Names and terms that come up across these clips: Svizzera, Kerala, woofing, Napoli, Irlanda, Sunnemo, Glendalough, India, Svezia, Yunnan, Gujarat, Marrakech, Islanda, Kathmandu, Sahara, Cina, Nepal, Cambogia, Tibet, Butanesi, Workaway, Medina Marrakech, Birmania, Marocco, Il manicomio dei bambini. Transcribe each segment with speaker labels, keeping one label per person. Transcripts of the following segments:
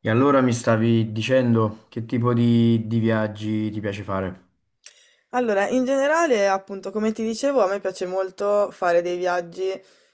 Speaker 1: E allora mi stavi dicendo che tipo di viaggi ti piace fare?
Speaker 2: Allora, in generale, appunto, come ti dicevo, a me piace molto fare dei viaggi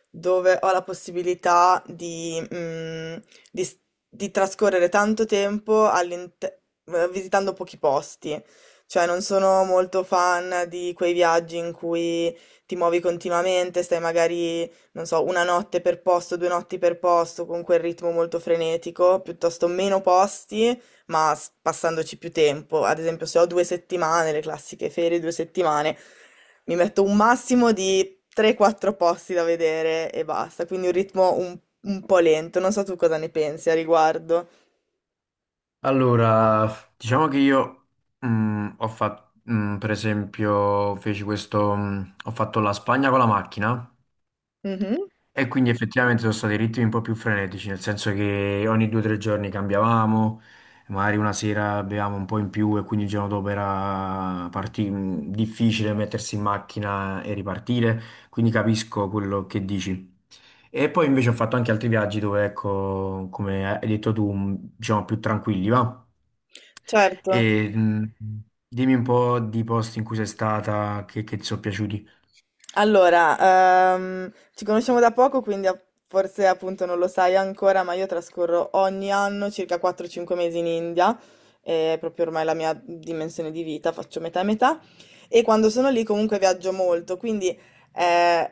Speaker 2: dove ho la possibilità di, di s- di trascorrere tanto tempo visitando pochi posti. Cioè, non sono molto fan di quei viaggi in cui ti muovi continuamente, stai magari, non so, una notte per posto, 2 notti per posto, con quel ritmo molto frenetico, piuttosto meno posti ma passandoci più tempo. Ad esempio, se ho 2 settimane, le classiche ferie, 2 settimane, mi metto un massimo di 3-4 posti da vedere e basta. Quindi un ritmo un po' lento. Non so tu cosa ne pensi a riguardo.
Speaker 1: Allora, diciamo che io ho fatto, per esempio, feci questo, ho fatto la Spagna con la macchina.
Speaker 2: Mhm.
Speaker 1: E quindi effettivamente sono stati ritmi un po' più frenetici, nel senso che ogni 2 o 3 giorni cambiavamo, magari una sera bevevamo un po' in più e quindi il giorno dopo era difficile mettersi in macchina e ripartire, quindi capisco quello che dici. E poi invece ho fatto anche altri viaggi dove, ecco, come hai detto tu, diciamo più tranquilli, va?
Speaker 2: Certo.
Speaker 1: E dimmi un po' di posti in cui sei stata che ti sono piaciuti.
Speaker 2: Allora, ci conosciamo da poco, quindi forse appunto non lo sai ancora, ma io trascorro ogni anno circa 4-5 mesi in India, è proprio ormai la mia dimensione di vita, faccio metà e metà, e quando sono lì comunque viaggio molto, quindi eh,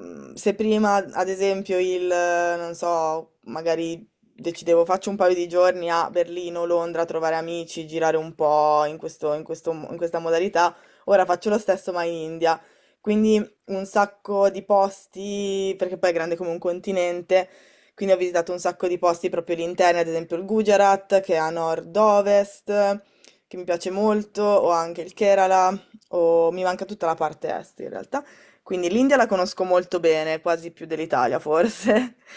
Speaker 2: se prima ad esempio non so, magari decidevo faccio un paio di giorni a Berlino, Londra a trovare amici, girare un po' in questa modalità, ora faccio lo stesso ma in India. Quindi un sacco di posti, perché poi è grande come un continente, quindi ho visitato un sacco di posti proprio all'interno, ad esempio il Gujarat, che è a nord-ovest, che mi piace molto, o anche il Kerala, o mi manca tutta la parte est in realtà. Quindi l'India la conosco molto bene, quasi più dell'Italia forse.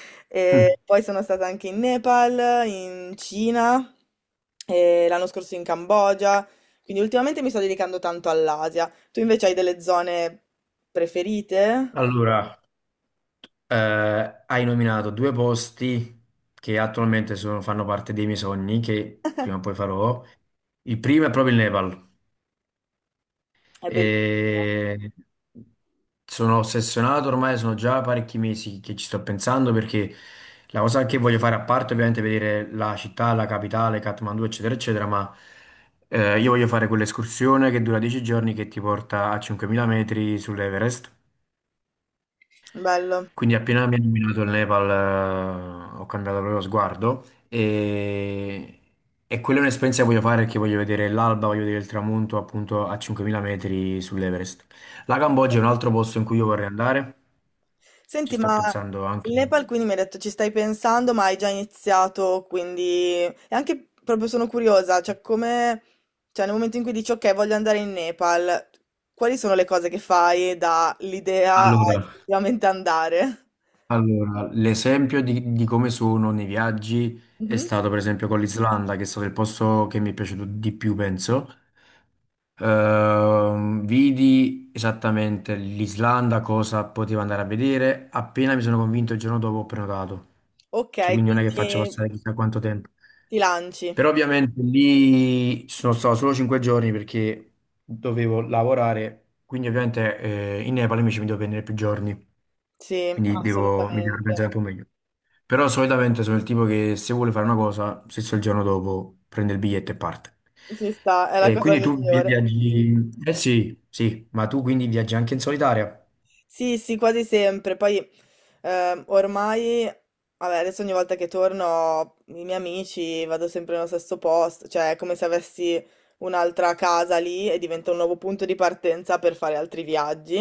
Speaker 1: Mm.
Speaker 2: E poi sono stata anche in Nepal, in Cina, e l'anno scorso in Cambogia. Quindi ultimamente mi sto dedicando tanto all'Asia. Tu invece hai delle zone preferite?
Speaker 1: Allora, hai nominato due posti che attualmente fanno parte dei miei sogni, che prima o poi farò. Il primo è proprio il Nepal.
Speaker 2: È bellissimo.
Speaker 1: E sono ossessionato ormai, sono già parecchi mesi che ci sto pensando perché la cosa che voglio fare, a parte ovviamente vedere la città, la capitale, Kathmandu, eccetera, eccetera, ma io voglio fare quell'escursione che dura 10 giorni che ti porta a 5.000 metri sull'Everest.
Speaker 2: Bello.
Speaker 1: Quindi appena mi ha nominato il Nepal, ho cambiato proprio sguardo e, quella è un'esperienza che voglio fare perché voglio vedere l'alba, voglio vedere il tramonto appunto a 5.000 metri sull'Everest. La Cambogia è un altro posto in cui io vorrei andare, ci
Speaker 2: Senti,
Speaker 1: sto
Speaker 2: ma
Speaker 1: pensando anche.
Speaker 2: il Nepal quindi mi hai detto ci stai pensando, ma hai già iniziato, quindi... E anche proprio sono curiosa, cioè come... Cioè nel momento in cui dici ok, voglio andare in Nepal, quali sono le cose che fai dall'idea a
Speaker 1: Allora,
Speaker 2: effettivamente andare?
Speaker 1: L'esempio di come sono nei viaggi è
Speaker 2: Mhm.
Speaker 1: stato per esempio con l'Islanda, che è stato il posto che mi è piaciuto di più, penso. Vidi esattamente l'Islanda, cosa potevo andare a vedere, appena mi sono convinto il giorno dopo ho prenotato.
Speaker 2: Ok,
Speaker 1: Cioè, quindi non è che faccio
Speaker 2: quindi
Speaker 1: passare chissà quanto tempo.
Speaker 2: ti lanci.
Speaker 1: Però ovviamente lì sono stato solo 5 giorni perché dovevo lavorare, quindi ovviamente in Nepal invece mi devo prendere più giorni,
Speaker 2: Sì,
Speaker 1: quindi mi devo organizzare
Speaker 2: assolutamente.
Speaker 1: un po' meglio. Però solitamente sono il tipo che se vuole fare una cosa, stesso il giorno dopo prende il biglietto e parte.
Speaker 2: Ci sta, è la
Speaker 1: E
Speaker 2: cosa
Speaker 1: quindi tu vi-
Speaker 2: migliore.
Speaker 1: viaggi... Eh sì, sì, ma tu quindi viaggi anche in solitaria?
Speaker 2: Sì, sì, quasi sempre. Poi ormai, vabbè, adesso ogni volta che torno, i miei amici vado sempre nello stesso posto, cioè è come se avessi un'altra casa lì e diventa un nuovo punto di partenza per fare altri viaggi.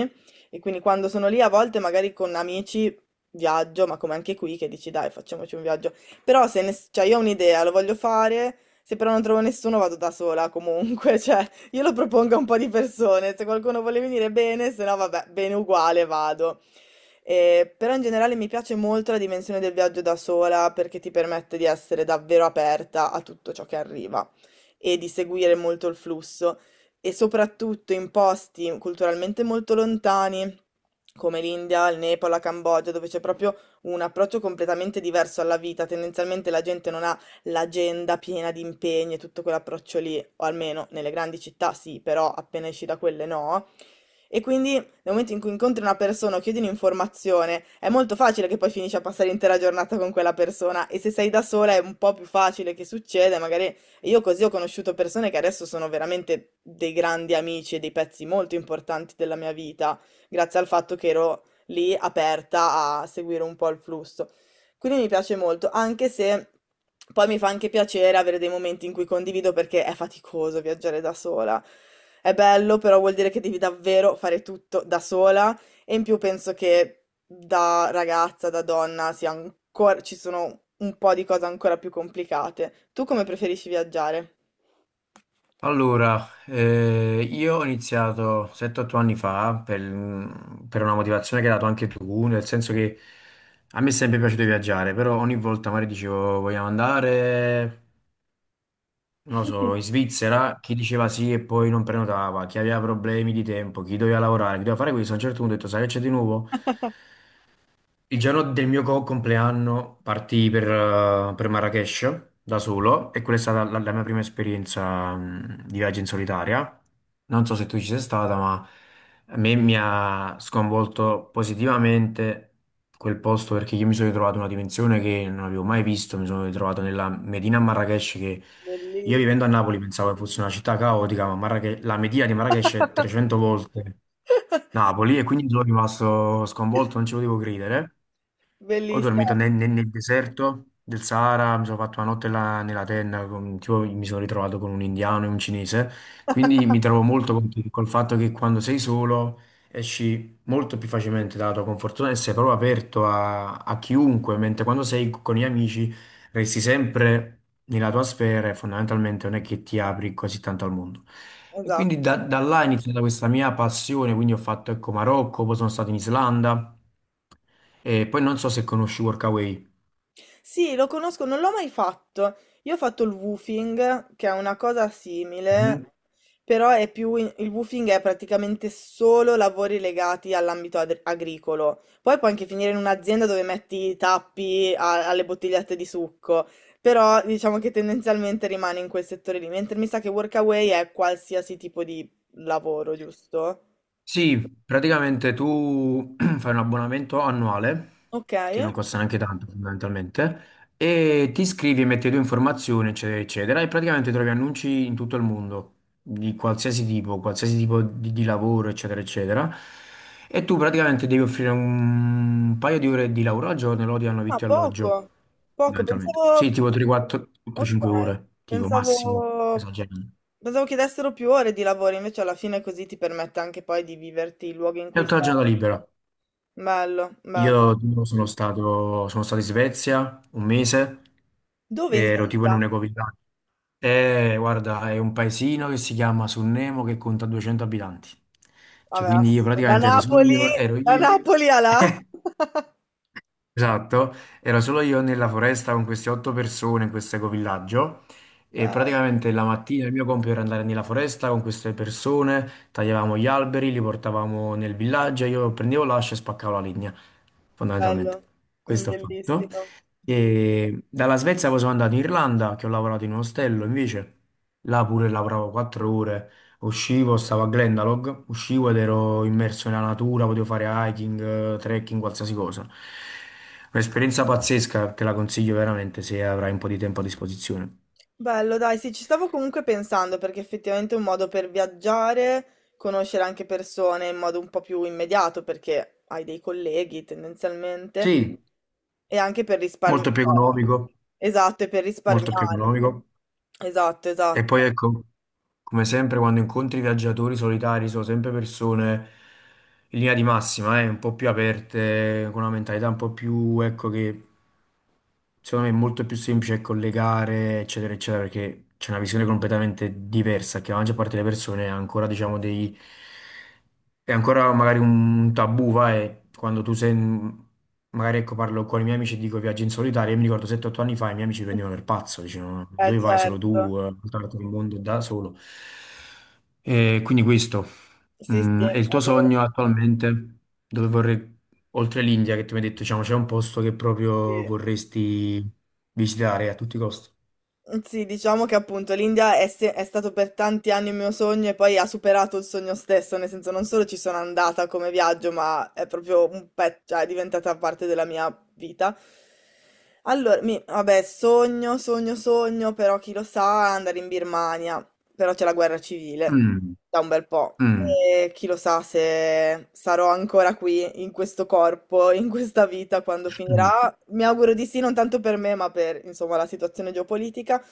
Speaker 2: E quindi quando sono lì a volte magari con amici viaggio, ma come anche qui che dici dai, facciamoci un viaggio. Però se ne- cioè, io ho un'idea, lo voglio fare, se però non trovo nessuno vado da sola comunque. Io lo propongo a un po' di persone, se qualcuno vuole venire bene, se no vabbè, bene uguale vado. Però in generale mi piace molto la dimensione del viaggio da sola perché ti permette di essere davvero aperta a tutto ciò che arriva e di seguire molto il flusso e soprattutto in posti culturalmente molto lontani come l'India, il Nepal, la Cambogia, dove c'è proprio un approccio completamente diverso alla vita. Tendenzialmente la gente non ha l'agenda piena di impegni e tutto quell'approccio lì, o almeno nelle grandi città sì, però appena esci da quelle no. E quindi nel momento in cui incontri una persona o chiedi un'informazione, è molto facile che poi finisci a passare l'intera giornata con quella persona e se sei da sola è un po' più facile che succeda, magari io così ho conosciuto persone che adesso sono veramente dei grandi amici e dei pezzi molto importanti della mia vita, grazie al fatto che ero lì aperta a seguire un po' il flusso. Quindi mi piace molto, anche se poi mi fa anche piacere avere dei momenti in cui condivido perché è faticoso viaggiare da sola. È bello, però vuol dire che devi davvero fare tutto da sola e in più penso che da ragazza, da donna, sia ancora, ci sono un po' di cose ancora più complicate. Tu come preferisci viaggiare?
Speaker 1: Allora, io ho iniziato 7-8 anni fa per una motivazione che hai dato anche tu, nel senso che a me è sempre piaciuto viaggiare, però ogni volta magari dicevo vogliamo andare. Non lo so, in Svizzera chi diceva sì e poi non prenotava, chi aveva problemi di tempo, chi doveva lavorare, chi doveva fare questo, a un certo punto ho detto, sai che c'è di nuovo? Il giorno del mio compleanno partii per, Marrakech da solo e quella è stata la mia prima esperienza di viaggio in solitaria. Non so se tu ci sei stata, ma a me mi ha sconvolto positivamente quel posto perché io mi sono ritrovato in una dimensione che non avevo mai visto. Mi sono ritrovato nella Medina Marrakech che io
Speaker 2: Belli-
Speaker 1: vivendo a Napoli pensavo che fosse una città caotica, ma la Medina di Marrakech è 300 volte Napoli e quindi sono rimasto sconvolto, non ci potevo credere. Ho
Speaker 2: Bellissima,
Speaker 1: dormito nel deserto del Sahara, mi sono fatto una notte là nella tenda, tipo, mi sono ritrovato con un indiano e un cinese, quindi mi trovo molto col fatto che quando sei solo esci molto più facilmente dalla tua comfort zone e sei proprio aperto a chiunque, mentre quando sei con gli amici resti sempre nella tua sfera e fondamentalmente non è che ti apri così tanto al mondo. E quindi
Speaker 2: esatto.
Speaker 1: da là è iniziata questa mia passione, quindi ho fatto ecco Marocco, poi sono stato in Islanda. E poi non so se conosci Workaway.
Speaker 2: Sì, lo conosco, non l'ho mai fatto. Io ho fatto il woofing, che è una cosa
Speaker 1: Mhm.
Speaker 2: simile, però è più il woofing è praticamente solo lavori legati all'ambito agricolo. Poi puoi anche finire in un'azienda dove metti i tappi alle bottigliette di succo, però diciamo che tendenzialmente rimane in quel settore lì, mentre mi sa che Workaway è qualsiasi tipo di lavoro, giusto?
Speaker 1: Sì, praticamente tu fai un abbonamento annuale,
Speaker 2: Ok.
Speaker 1: che non costa neanche tanto fondamentalmente, e ti iscrivi e metti le tue informazioni, eccetera, eccetera, e praticamente trovi annunci in tutto il mondo, di qualsiasi tipo di lavoro, eccetera, eccetera. E tu praticamente devi offrire un paio di ore di lavoro al giorno e loro ti danno
Speaker 2: Ah,
Speaker 1: vitto e alloggio,
Speaker 2: poco. Poco,
Speaker 1: fondamentalmente. Sì,
Speaker 2: pensavo.
Speaker 1: tipo
Speaker 2: Ok,
Speaker 1: 3-4-5 ore, tipo massimo,
Speaker 2: pensavo,
Speaker 1: esagerando.
Speaker 2: pensavo chiedessero più ore di lavoro, invece alla fine così ti permette anche poi di viverti i luoghi in
Speaker 1: E
Speaker 2: cui
Speaker 1: tutta la
Speaker 2: stai.
Speaker 1: giornata libera.
Speaker 2: Bello, bello.
Speaker 1: Io tipo, sono stato in Svezia un mese,
Speaker 2: Dove in
Speaker 1: ero tipo in
Speaker 2: Svezia?
Speaker 1: un ecovillaggia. E guarda, è un paesino che si chiama Sunnemo che conta 200 abitanti. Cioè,
Speaker 2: Vabbè,
Speaker 1: quindi io praticamente ero solo io, ero
Speaker 2: Da
Speaker 1: io.
Speaker 2: Napoli a là.
Speaker 1: Esatto, ero solo io nella foresta con queste 8 persone in questo ecovillaggio e
Speaker 2: Bello,
Speaker 1: praticamente la mattina il mio compito era andare nella foresta con queste persone, tagliavamo gli alberi, li portavamo nel villaggio, io prendevo l'ascia e spaccavo la legna,
Speaker 2: bello,
Speaker 1: fondamentalmente. Questo ho fatto.
Speaker 2: bellissimo.
Speaker 1: E dalla Svezia poi sono andato in Irlanda, che ho lavorato in un ostello, invece là pure lavoravo 4 ore. Uscivo, stavo a Glendalough, uscivo ed ero immerso nella natura, potevo fare hiking, trekking, qualsiasi cosa. Un'esperienza pazzesca che la consiglio veramente se avrai un po' di tempo a disposizione.
Speaker 2: Bello, dai, sì, ci stavo comunque pensando perché effettivamente è un modo per viaggiare, conoscere anche persone in modo un po' più immediato perché hai dei colleghi tendenzialmente.
Speaker 1: Sì,
Speaker 2: E anche per risparmi,
Speaker 1: molto più
Speaker 2: cioè,
Speaker 1: economico,
Speaker 2: esatto, e per
Speaker 1: molto più
Speaker 2: risparmiare.
Speaker 1: economico.
Speaker 2: Esatto,
Speaker 1: E poi
Speaker 2: esatto.
Speaker 1: ecco. Come sempre, quando incontri viaggiatori solitari, sono sempre persone in linea di massima, un po' più aperte, con una mentalità un po' più, ecco, che secondo me è molto più semplice collegare, eccetera, eccetera, perché c'è una visione completamente diversa, che la maggior parte delle persone ha ancora, diciamo, dei, è ancora magari un tabù, vai, quando tu sei. Magari ecco, parlo con i miei amici e dico viaggio in solitaria. Io mi ricordo 7-8 anni fa i miei amici mi prendevano per pazzo, dicevano ma
Speaker 2: Eh
Speaker 1: dove vai solo
Speaker 2: certo.
Speaker 1: tu, portarti il mondo da solo. E quindi questo,
Speaker 2: Sì, sì,
Speaker 1: è
Speaker 2: è
Speaker 1: il tuo
Speaker 2: vero,
Speaker 1: sogno attualmente, dove vorrei, oltre l'India che tu mi hai detto, diciamo, c'è un posto che proprio
Speaker 2: sì.
Speaker 1: vorresti visitare a tutti i costi.
Speaker 2: Sì, diciamo che appunto l'India è, è stato per tanti anni il mio sogno e poi ha superato il sogno stesso, nel senso non solo ci sono andata come viaggio, ma è proprio un pezzo, cioè è diventata parte della mia vita. Allora, vabbè, sogno, sogno, sogno, però chi lo sa, andare in Birmania, però c'è la guerra civile
Speaker 1: Mm,
Speaker 2: da un bel po'.
Speaker 1: mm,
Speaker 2: E chi lo sa se sarò ancora qui, in questo corpo, in questa vita, quando
Speaker 1: mm.
Speaker 2: finirà, mi auguro di sì, non tanto per me, ma per, insomma, la situazione geopolitica.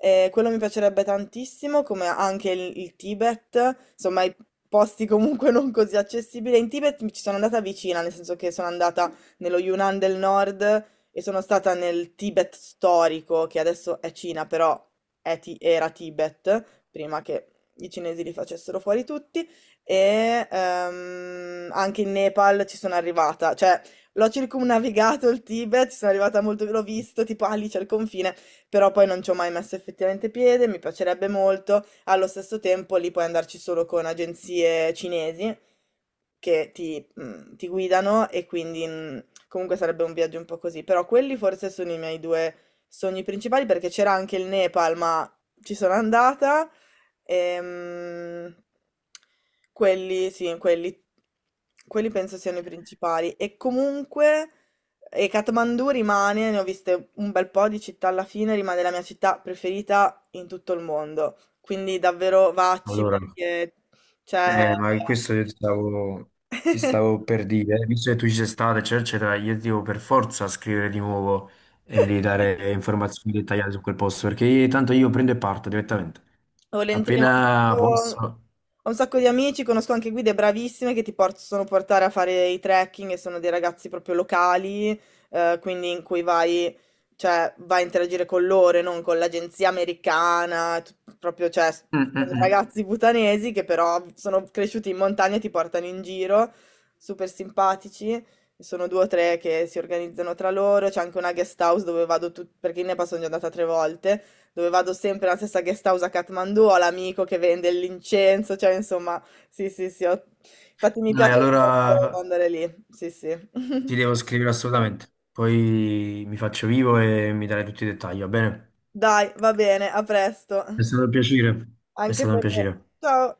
Speaker 2: Quello mi piacerebbe tantissimo, come anche il Tibet, insomma, i posti comunque non così accessibili. In Tibet mi ci sono andata vicina, nel senso che sono andata nello Yunnan del Nord e sono stata nel Tibet storico, che adesso è Cina, però era Tibet, prima che i cinesi li facessero fuori tutti. E anche in Nepal ci sono arrivata, cioè l'ho circumnavigato il Tibet, sono arrivata molto, l'ho visto, tipo, ah, lì c'è il confine, però poi non ci ho mai messo effettivamente piede, mi piacerebbe molto. Allo stesso tempo lì puoi andarci solo con agenzie cinesi, che ti, ti guidano e quindi comunque sarebbe un viaggio un po' così. Però quelli forse sono i miei due sogni principali perché c'era anche il Nepal, ma ci sono andata. Ehm, quelli, sì, quelli, quelli penso siano i principali. E comunque, e Kathmandu rimane, ne ho viste un bel po' di città alla fine, rimane la mia città preferita in tutto il mondo. Quindi davvero vacci,
Speaker 1: Allora,
Speaker 2: perché, cioè...
Speaker 1: Ma questo io ti stavo per dire, visto che tu ci sei stato, eccetera, eccetera, io ti devo per forza scrivere di nuovo e mi devi dare informazioni dettagliate su quel posto, perché tanto io prendo e parto direttamente.
Speaker 2: Volentieri, ma ho
Speaker 1: Appena
Speaker 2: un sacco
Speaker 1: posso.
Speaker 2: ho un sacco di amici, conosco anche guide bravissime che ti possono portare a fare i trekking e sono dei ragazzi proprio locali, quindi in cui vai, cioè, vai a interagire con loro e non con l'agenzia americana, proprio, cioè,
Speaker 1: Mm, mm,
Speaker 2: sono
Speaker 1: mm.
Speaker 2: ragazzi butanesi che però sono cresciuti in montagna e ti portano in giro, super simpatici. Sono due o tre che si organizzano tra loro, c'è anche una guest house dove vado perché ne passo sono già andata 3 volte, dove vado sempre nella stessa guest house a Kathmandu, ho l'amico che vende l'incenso, cioè insomma, sì, sì, sì, infatti mi
Speaker 1: Dai,
Speaker 2: piace molto
Speaker 1: allora
Speaker 2: andare lì, sì, sì.
Speaker 1: ti devo scrivere assolutamente. Poi mi faccio vivo e mi darai tutti i dettagli, va bene?
Speaker 2: Dai, va bene, a presto.
Speaker 1: È stato un piacere. È
Speaker 2: Anche
Speaker 1: stato un
Speaker 2: per me.
Speaker 1: piacere.
Speaker 2: Ciao.